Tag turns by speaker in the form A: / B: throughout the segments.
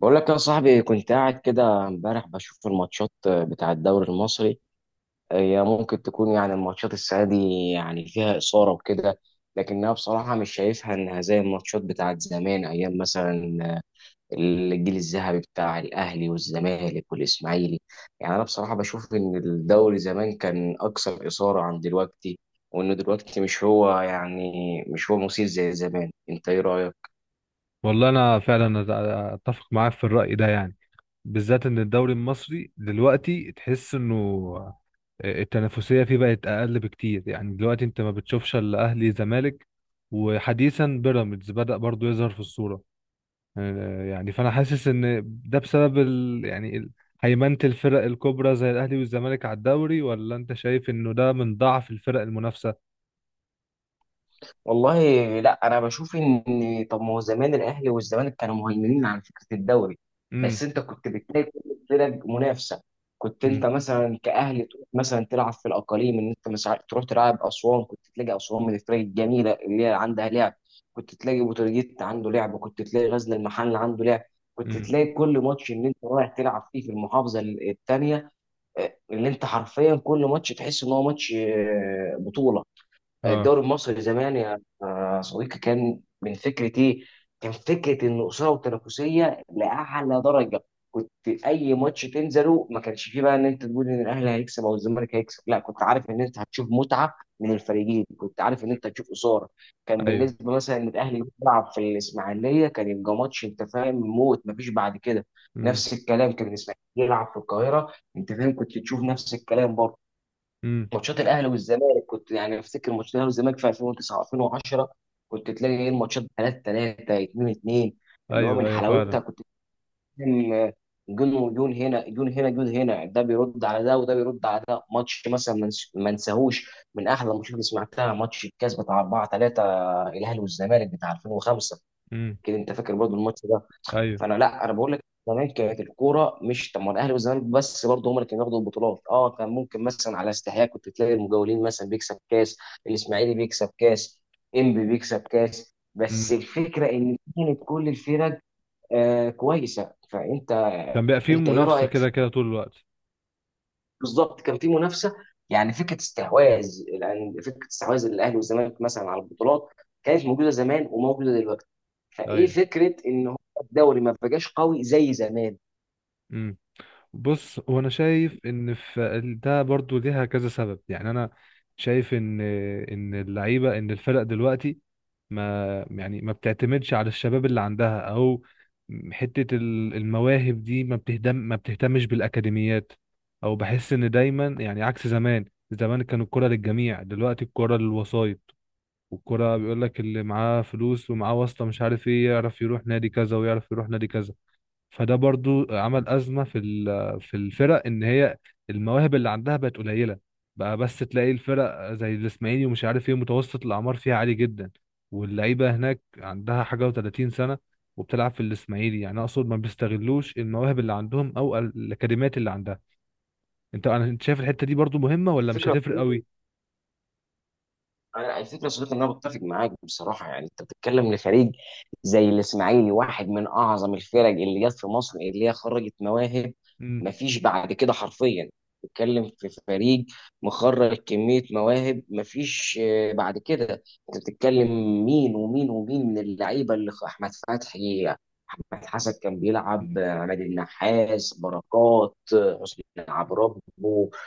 A: بقول لك يا صاحبي، كنت قاعد كده امبارح بشوف الماتشات بتاع الدوري المصري. هي ممكن تكون يعني الماتشات السنة دي يعني فيها إثارة وكده، لكنها بصراحة مش شايفها إنها زي الماتشات بتاعت زمان، أيام مثلا الجيل الذهبي بتاع الأهلي والزمالك والإسماعيلي. يعني أنا بصراحة بشوف إن الدوري زمان كان أكثر إثارة عن دلوقتي، وإنه دلوقتي مش هو يعني مش هو مثير زي زمان. أنت إيه رأيك؟
B: والله انا فعلا اتفق معاك في الرأي ده، يعني بالذات ان الدوري المصري دلوقتي تحس انه التنافسية فيه بقت اقل بكتير. يعني دلوقتي انت ما بتشوفش الا اهلي زمالك، وحديثا بيراميدز بدأ برضو يظهر في الصورة. يعني فانا حاسس ان ده بسبب يعني هيمنة الفرق الكبرى زي الاهلي والزمالك على الدوري، ولا انت شايف انه ده من ضعف الفرق المنافسة؟
A: والله لا، انا بشوف ان طب ما هو زمان الاهلي والزمالك كانوا مهيمنين على فكره الدوري،
B: امم.
A: بس انت كنت بتلاقي كل الفرق منافسه. كنت
B: امم.
A: انت مثلا كاهلي تروح مثلا تلعب في الاقاليم، ان انت مثلا تروح تلعب اسوان، كنت تلاقي اسوان من الفرق الجميله اللي هي عندها لعب. كنت تلاقي بوتروجيت عنده لعب، كنت تلاقي غزل المحل عنده لعب. كنت
B: امم.
A: تلاقي كل ماتش ان انت رايح تلعب فيه في المحافظه الثانيه، اللي انت حرفيا كل ماتش تحس ان هو ماتش بطوله.
B: اه.
A: الدوري المصري زمان يا صديقي كان من فكره ايه؟ كان فكره ان اثاره وتنافسيه لاعلى درجه. كنت اي ماتش تنزله ما كانش فيه بقى ان انت تقول ان الاهلي هيكسب او الزمالك هيكسب، لا، كنت عارف ان انت هتشوف متعه من الفريقين، كنت عارف ان انت هتشوف اثاره. كان
B: ايوه.
A: بالنسبه مثلا ان الاهلي بيلعب في الاسماعيليه كان يبقى ماتش، انت فاهم، موت، ما فيش بعد كده.
B: امم.
A: نفس الكلام كان الاسماعيلي يلعب في القاهره، انت فاهم، كنت تشوف نفس الكلام برضه.
B: امم.
A: ماتشات الاهلي والزمالك كنت يعني افتكر ماتشات الاهلي والزمالك في 2009 2010، كنت تلاقي ايه الماتشات 3-3 2-2، اللي هو
B: ايوه
A: من
B: ايوه فعلا.
A: حلاوتها. كنت فاهم، جون وجون، هنا جون هنا جون، هنا ده بيرد على ده وده بيرد على ده. ماتش مثلا ما انساهوش، من احلى الماتشات اللي سمعتها، ماتش الكاس بتاع 4-3 الاهلي والزمالك بتاع 2005.
B: امم.
A: كده انت فاكر برضه الماتش.
B: ايوه.
A: فانا لا، انا بقول لك زمان كانت الكوره مش طب، ما الاهلي والزمالك بس برضه هم اللي كانوا بياخدوا البطولات، اه، كان ممكن مثلا على استحياء كنت تلاقي المجاولين مثلا بيكسب كاس، الاسماعيلي بيكسب كاس، انبي بيكسب كاس، بس
B: امم.
A: الفكره ان كانت كل الفرق آه كويسه. فانت
B: كان بيبقى فيه
A: انت ايه
B: منافسه
A: رايك في
B: كده كده طول الوقت.
A: بالظبط كان في منافسه. يعني فكره استحواذ، يعني فكره استحواذ الاهلي والزمالك مثلا على البطولات كانت موجوده زمان وموجوده دلوقتي. فايه
B: ايوه.
A: فكره ان هو الدوري ما بقاش قوي زي زمان.
B: امم. بص، هو انا شايف ان في ده برضو ليها كذا سبب. يعني انا شايف ان اللعيبه، ان الفرق دلوقتي ما بتعتمدش على الشباب اللي عندها، او حته المواهب دي، ما بتهتمش بالاكاديميات. او بحس ان دايما يعني عكس زمان، زمان كانوا الكرة للجميع، دلوقتي الكرة للوسائط، والكرة بيقول لك اللي معاه فلوس ومعاه واسطة مش عارف ايه، يعرف يروح نادي كذا ويعرف يروح نادي كذا. فده برضو عمل أزمة في الفرق، إن هي المواهب اللي عندها بقت قليلة. بقى بس تلاقي الفرق زي الإسماعيلي ومش عارف ايه، متوسط الأعمار فيها عالي جدا، واللعيبة هناك عندها حاجة و30 سنة وبتلعب في الإسماعيلي. يعني أقصد ما بيستغلوش المواهب اللي عندهم أو الأكاديميات اللي عندها. أنت شايف الحتة دي برضو مهمة ولا مش
A: الفكرة
B: هتفرق قوي؟
A: الفكرة يا صديقي إن أنا بتفق معاك بصراحة. يعني أنت بتتكلم لفريق زي الإسماعيلي، واحد من أعظم الفرق اللي جت في مصر، اللي هي خرجت مواهب
B: امم.
A: مفيش بعد كده حرفيا. بتتكلم في فريق مخرج كمية مواهب مفيش بعد كده. أنت بتتكلم مين ومين ومين من اللعيبة، اللي أحمد فتحي، أحمد حسن كان
B: امم،
A: بيلعب، عماد النحاس، بركات، حسني عبد ربه،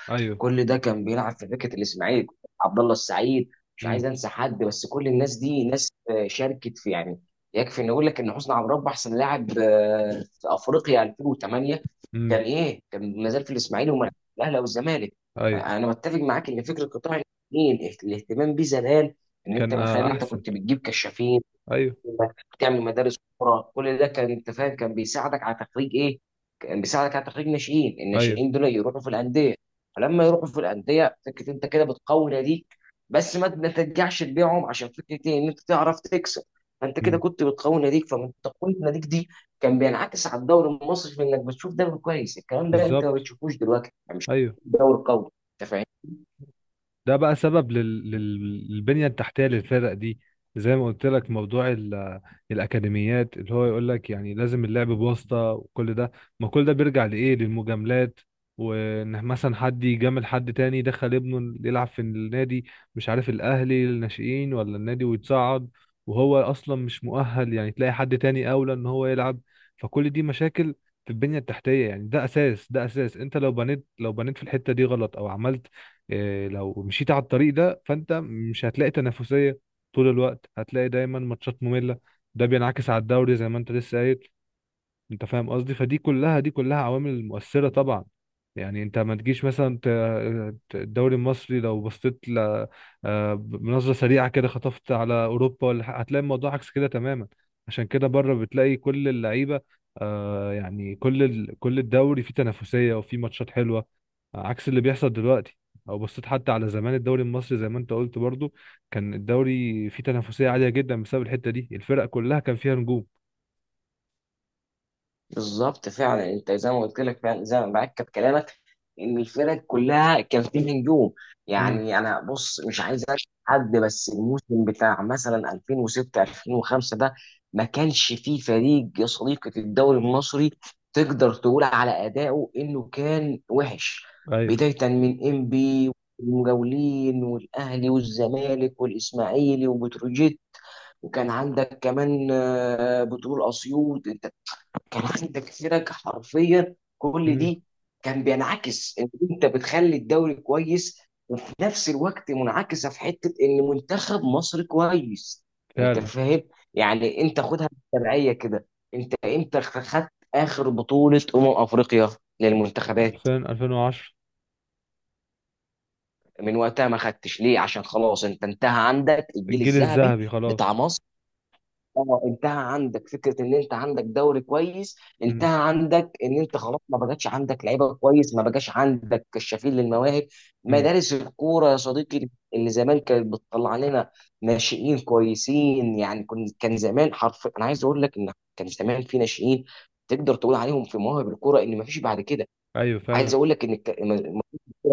B: أيوه.
A: كل ده كان بيلعب في فكره الاسماعيلي. عبد الله السعيد، مش
B: امم.
A: عايز انسى حد، بس كل الناس دي ناس شاركت في يعني. يكفي ان اقول لك ان حسني عبد ربه احسن لاعب في افريقيا 2008،
B: امم.
A: كان ايه كان ما زال في الاسماعيلي وما الاهلي او الزمالك.
B: ايوه.
A: انا متفق معاك ان فكره قطاع الاثنين، الاهتمام بيه زمان، ان انت
B: كان
A: من خلال ان انت
B: احسن.
A: كنت بتجيب كشافين،
B: ايوه.
A: انك تعمل مدارس كوره، كل ده كان انت فاهم كان بيساعدك على تخريج ايه؟ كان بيساعدك على تخريج ناشئين،
B: ايوه.
A: الناشئين دول يروحوا في الانديه، فلما يروحوا في الانديه فكره انت كده بتقوي ناديك، بس ما ترجعش تبيعهم عشان فكره ايه؟ ان انت تعرف تكسب. فانت كده
B: مم.
A: كنت بتقوي ناديك، فمن تقويه ناديك دي كان بينعكس على الدوري المصري في انك بتشوف دوري كويس. الكلام ده انت ما
B: بالظبط.
A: بتشوفوش دلوقتي، يعني مش
B: ايوه.
A: دوري قوي، انت فاهم؟
B: ده بقى سبب للبنية التحتية للفرق دي، زي ما قلت لك، موضوع الأكاديميات اللي هو يقول لك يعني لازم اللعب بواسطة وكل ده. ما كل ده بيرجع لإيه، للمجاملات، وإن مثلا حد يجامل حد تاني دخل ابنه يلعب في النادي، مش عارف الأهلي الناشئين ولا النادي، ويتصعد وهو أصلا مش مؤهل. يعني تلاقي حد تاني أولى إن هو يلعب، فكل دي مشاكل في البنية التحتية. يعني ده أساس، ده أساس، أنت لو بنيت، في الحتة دي غلط، أو عملت لو مشيت على الطريق ده، فانت مش هتلاقي تنافسيه طول الوقت، هتلاقي دايما ماتشات ممله. ده بينعكس على الدوري زي ما انت لسه قايل، انت فاهم قصدي. فدي كلها دي كلها عوامل مؤثرة طبعا. يعني انت ما تجيش مثلا الدوري المصري لو بصيت ل آه، بنظرة سريعة كده، خطفت على اوروبا ولا حاجة، هتلاقي الموضوع عكس كده تماما. عشان كده بره بتلاقي كل اللعيبة، يعني كل الدوري فيه تنافسية وفيه ماتشات حلوة، عكس اللي بيحصل دلوقتي. او بصيت حتى على زمان الدوري المصري، زي ما انت قلت برضو، كان الدوري فيه تنافسية عالية جدا بسبب الحتة دي، الفرق كلها كان فيها نجوم.
A: بالظبط فعلا، انت زي ما قلت لك، فعلا زي ما معاك كلامك ان الفرق كلها كان فيه نجوم.
B: امم.
A: يعني انا بص مش عايز اشهد حد، بس الموسم بتاع مثلا 2006 2005 ده ما كانش فيه فريق يا صديقي في الدوري المصري تقدر تقول على ادائه انه كان وحش.
B: ايوه.
A: بدايه من انبي والمجاولين والاهلي والزمالك والاسماعيلي وبتروجيت، وكان عندك كمان بترول اسيوط. انت كان عندك فرق حرفيا كل
B: مم.
A: دي كان بينعكس ان انت بتخلي الدوري كويس، وفي نفس الوقت منعكسه في حته ان منتخب مصر كويس. انت
B: فعلا.
A: فاهم؟ يعني انت خدها بالتبعيه كده، انت امتى خدت اخر بطوله افريقيا للمنتخبات؟
B: 2000 2010.
A: من وقتها ما خدتش ليه؟ عشان خلاص انت انتهى عندك الجيل
B: الجيل
A: الذهبي
B: الذهبي
A: بتاع
B: خلاص.
A: مصر. اه، انتهى عندك فكره ان انت عندك دوري كويس،
B: امم.
A: انتهى عندك ان انت خلاص ما بقاش عندك لعيبه كويس، ما بقاش عندك كشافين للمواهب.
B: امم.
A: مدارس الكوره يا صديقي، اللي زمان كانت بتطلع لنا ناشئين كويسين، يعني كن كان زمان حرف، انا عايز اقول لك ان كان زمان في ناشئين تقدر تقول عليهم في مواهب الكوره ان ما فيش بعد كده.
B: ايوه فعلا.
A: عايز اقول لك ان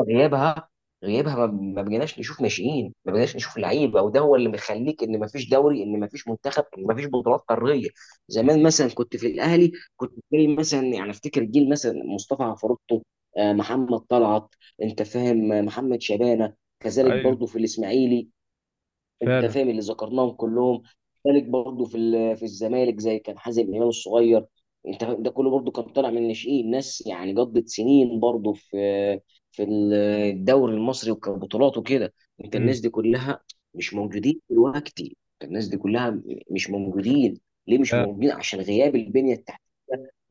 A: غيابها، غيابها ما بقيناش نشوف ناشئين، ما بقيناش نشوف لعيبه، وده هو اللي مخليك ان ما فيش دوري، ان ما فيش منتخب، ان ما فيش بطولات قاريه. زمان
B: امم.
A: مثلا كنت في الاهلي، كنت بتلاقي مثلا يعني افتكر جيل مثلا مصطفى عفروتو، محمد طلعت، انت فاهم، محمد شبانه. كذلك برضه
B: ايوه
A: في الاسماعيلي، انت
B: فعلا.
A: فاهم اللي ذكرناهم كلهم. ذلك برضه في الزمالك، زي كان حازم امام الصغير، انت فاهم؟ ده كله برضه كان طالع من الناشئين، ناس يعني قضت سنين برضه في في الدوري المصري وكبطولات وكده. انت
B: امم.
A: الناس دي كلها مش موجودين دلوقتي، انت الناس دي كلها مش موجودين. ليه مش
B: فعلا.
A: موجودين؟ عشان غياب البنية التحتية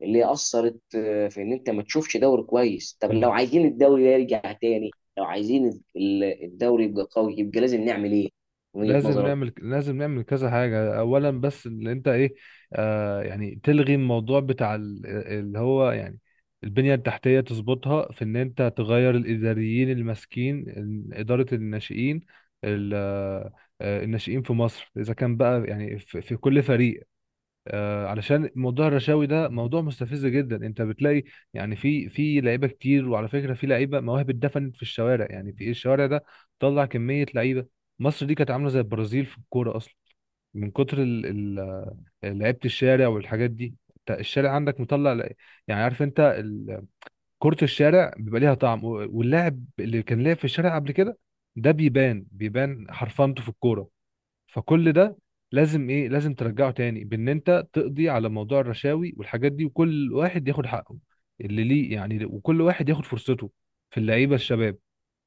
A: اللي اثرت في ان انت ما تشوفش دوري كويس. طب لو
B: امم.
A: عايزين الدوري ده يرجع تاني، لو عايزين الدوري يبقى قوي، يبقى لازم نعمل ايه؟ وجهة
B: لازم
A: نظرك
B: نعمل، كذا حاجة اولا. بس اللي انت، ايه يعني، تلغي الموضوع بتاع اللي هو يعني البنية التحتية، تظبطها في ان انت تغير الاداريين اللي ماسكين ادارة الناشئين، ال- الناشئين في مصر، اذا كان بقى يعني في كل فريق. علشان موضوع الرشاوي ده موضوع مستفز جدا. انت بتلاقي يعني في لعيبه كتير، وعلى فكره في لعيبه مواهب اتدفنت في الشوارع، يعني في ايه الشوارع ده، طلع كميه لعيبه. مصر دي كانت عامله زي البرازيل في الكوره اصلا، من كتر لعيبه الشارع والحاجات دي. انت الشارع عندك مطلع يعني عارف انت، كره الشارع بيبقى ليها طعم، واللاعب اللي كان لاعب في الشارع قبل كده، ده بيبان، حرفنته في الكوره. فكل ده لازم ايه، لازم ترجعه تاني بان انت تقضي على موضوع الرشاوي والحاجات دي، وكل واحد ياخد حقه اللي ليه يعني، وكل واحد ياخد فرصته في اللعيبه الشباب.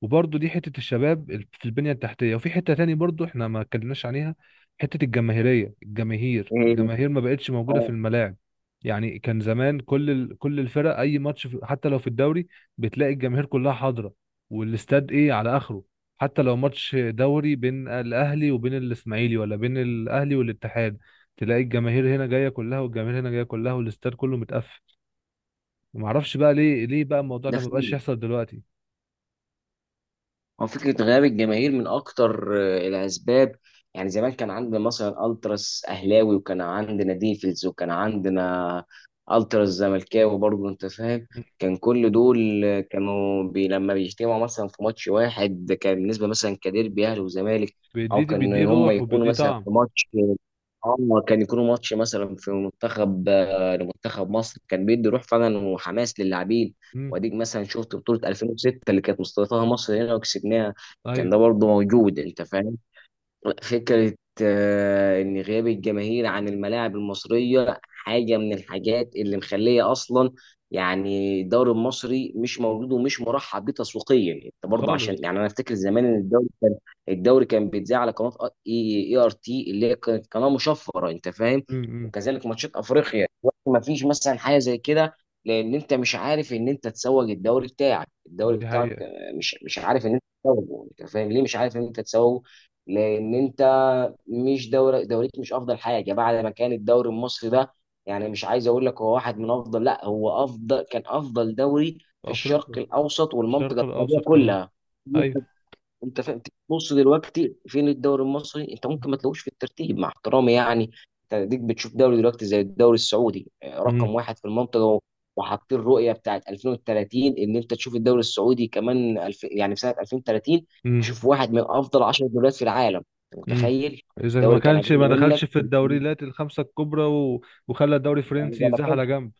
B: وبرضه دي حته الشباب، في البنيه التحتيه. وفي حته تاني برضه احنا ما اتكلمناش عليها، حته الجماهيريه، الجماهير
A: إيه؟
B: ما بقتش موجوده في
A: اه،
B: الملاعب. يعني كان زمان كل كل الفرق، اي ماتش حتى لو في الدوري، بتلاقي الجماهير كلها حاضره والاستاد ايه على اخره. حتى لو ماتش دوري بين الاهلي وبين الاسماعيلي، ولا بين الاهلي والاتحاد، تلاقي الجماهير هنا جايه كلها، والجماهير هنا جايه كلها، والاستاد كله متقفل. ما اعرفش بقى ليه، بقى الموضوع
A: ده
B: ده ما بقاش
A: فعلا
B: يحصل دلوقتي؟
A: هو فكره غياب الجماهير من اكتر الاسباب. يعني زمان كان عندنا مثلا التراس اهلاوي، وكان عندنا ديفلز، وكان عندنا التراس زملكاوي برضه، انت فاهم.
B: مم.
A: كان كل دول كانوا بي لما بيجتمعوا مثلا في ماتش واحد كان بالنسبه مثلا كديربي اهلي وزمالك، او
B: بيديه، بيديه
A: كان هم
B: روح
A: يكونوا
B: وبيديه
A: مثلا
B: طعم.
A: في ماتش، اه كان يكونوا ماتش مثلا في منتخب، لمنتخب مصر، كان بيدي روح فعلا وحماس للاعبين.
B: امم.
A: واديك مثلا شفت بطولة 2006 اللي كانت مستضيفاها مصر هنا وكسبناها، كان
B: ايوه.
A: ده برضه موجود، انت فاهم. فكرة إن غياب الجماهير عن الملاعب المصرية حاجة من الحاجات اللي مخلية أصلا يعني الدوري المصري مش موجود ومش مرحب بيه تسويقيا. أنت برضه، عشان
B: خالص.
A: يعني أنا أفتكر زمان إن الدوري كان، الدوري كان بيتذاع على قناة إي آر تي اللي هي كانت قناة مشفرة، أنت فاهم.
B: امم.
A: وكذلك ماتشات أفريقيا دلوقتي ما فيش مثلا حاجة زي كده، لأن أنت مش عارف إن أنت تسوق الدوري بتاعك.
B: دي حقيقه.
A: مش عارف إن أنت تسوقه، أنت فاهم ليه مش عارف إن أنت تسوقه؟ لان انت مش دوري، دوريك مش افضل حاجه بعد ما كان الدوري المصري ده، يعني مش عايز اقول لك هو واحد من افضل، لا هو افضل، كان افضل دوري في
B: في افريقيا.
A: الشرق الاوسط
B: في الشرق
A: والمنطقه العربيه
B: الاوسط كمان.
A: كلها،
B: ايوه.
A: انت فاهم. بص دلوقتي فين الدوري المصري؟ انت ممكن ما تلاقوش في الترتيب، مع احترامي يعني. انت ديك بتشوف دوري دلوقتي زي الدوري السعودي رقم
B: امم.
A: واحد في المنطقه و-، وحاطين الرؤيه بتاعت 2030 ان انت تشوف الدوري السعودي كمان يعني في سنه 2030
B: امم.
A: تشوف واحد من افضل 10 دوريات في العالم، انت
B: امم.
A: متخيل؟
B: اذا ما
A: دوري كان
B: كانش ما
A: اقل منك،
B: دخلش في الدوريات الخمسه الكبرى وخلى الدوري
A: يعني
B: الفرنسي
A: زي ما
B: يتزاح على
A: كانش،
B: جنب.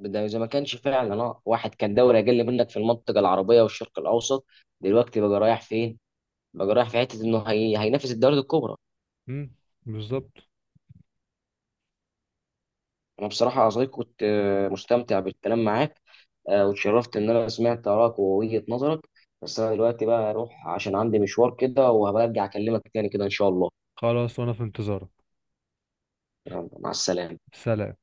A: ده زي ما كانش فعلا اه، واحد كان دوري اقل منك في المنطقه العربيه والشرق الاوسط، دلوقتي بقى رايح فين؟ بقى رايح في حته هينافس الدوري الكبرى.
B: امم. بالظبط.
A: انا بصراحه يا صديقي كنت مستمتع بالكلام معاك، واتشرفت ان انا سمعت ارائك ووجهه نظرك. بس انا دلوقتي بقى اروح عشان عندي مشوار كده، وهبرجع اكلمك تاني كده ان شاء الله.
B: خلاص وانا في انتظارك.
A: يلا مع السلامه.
B: سلام.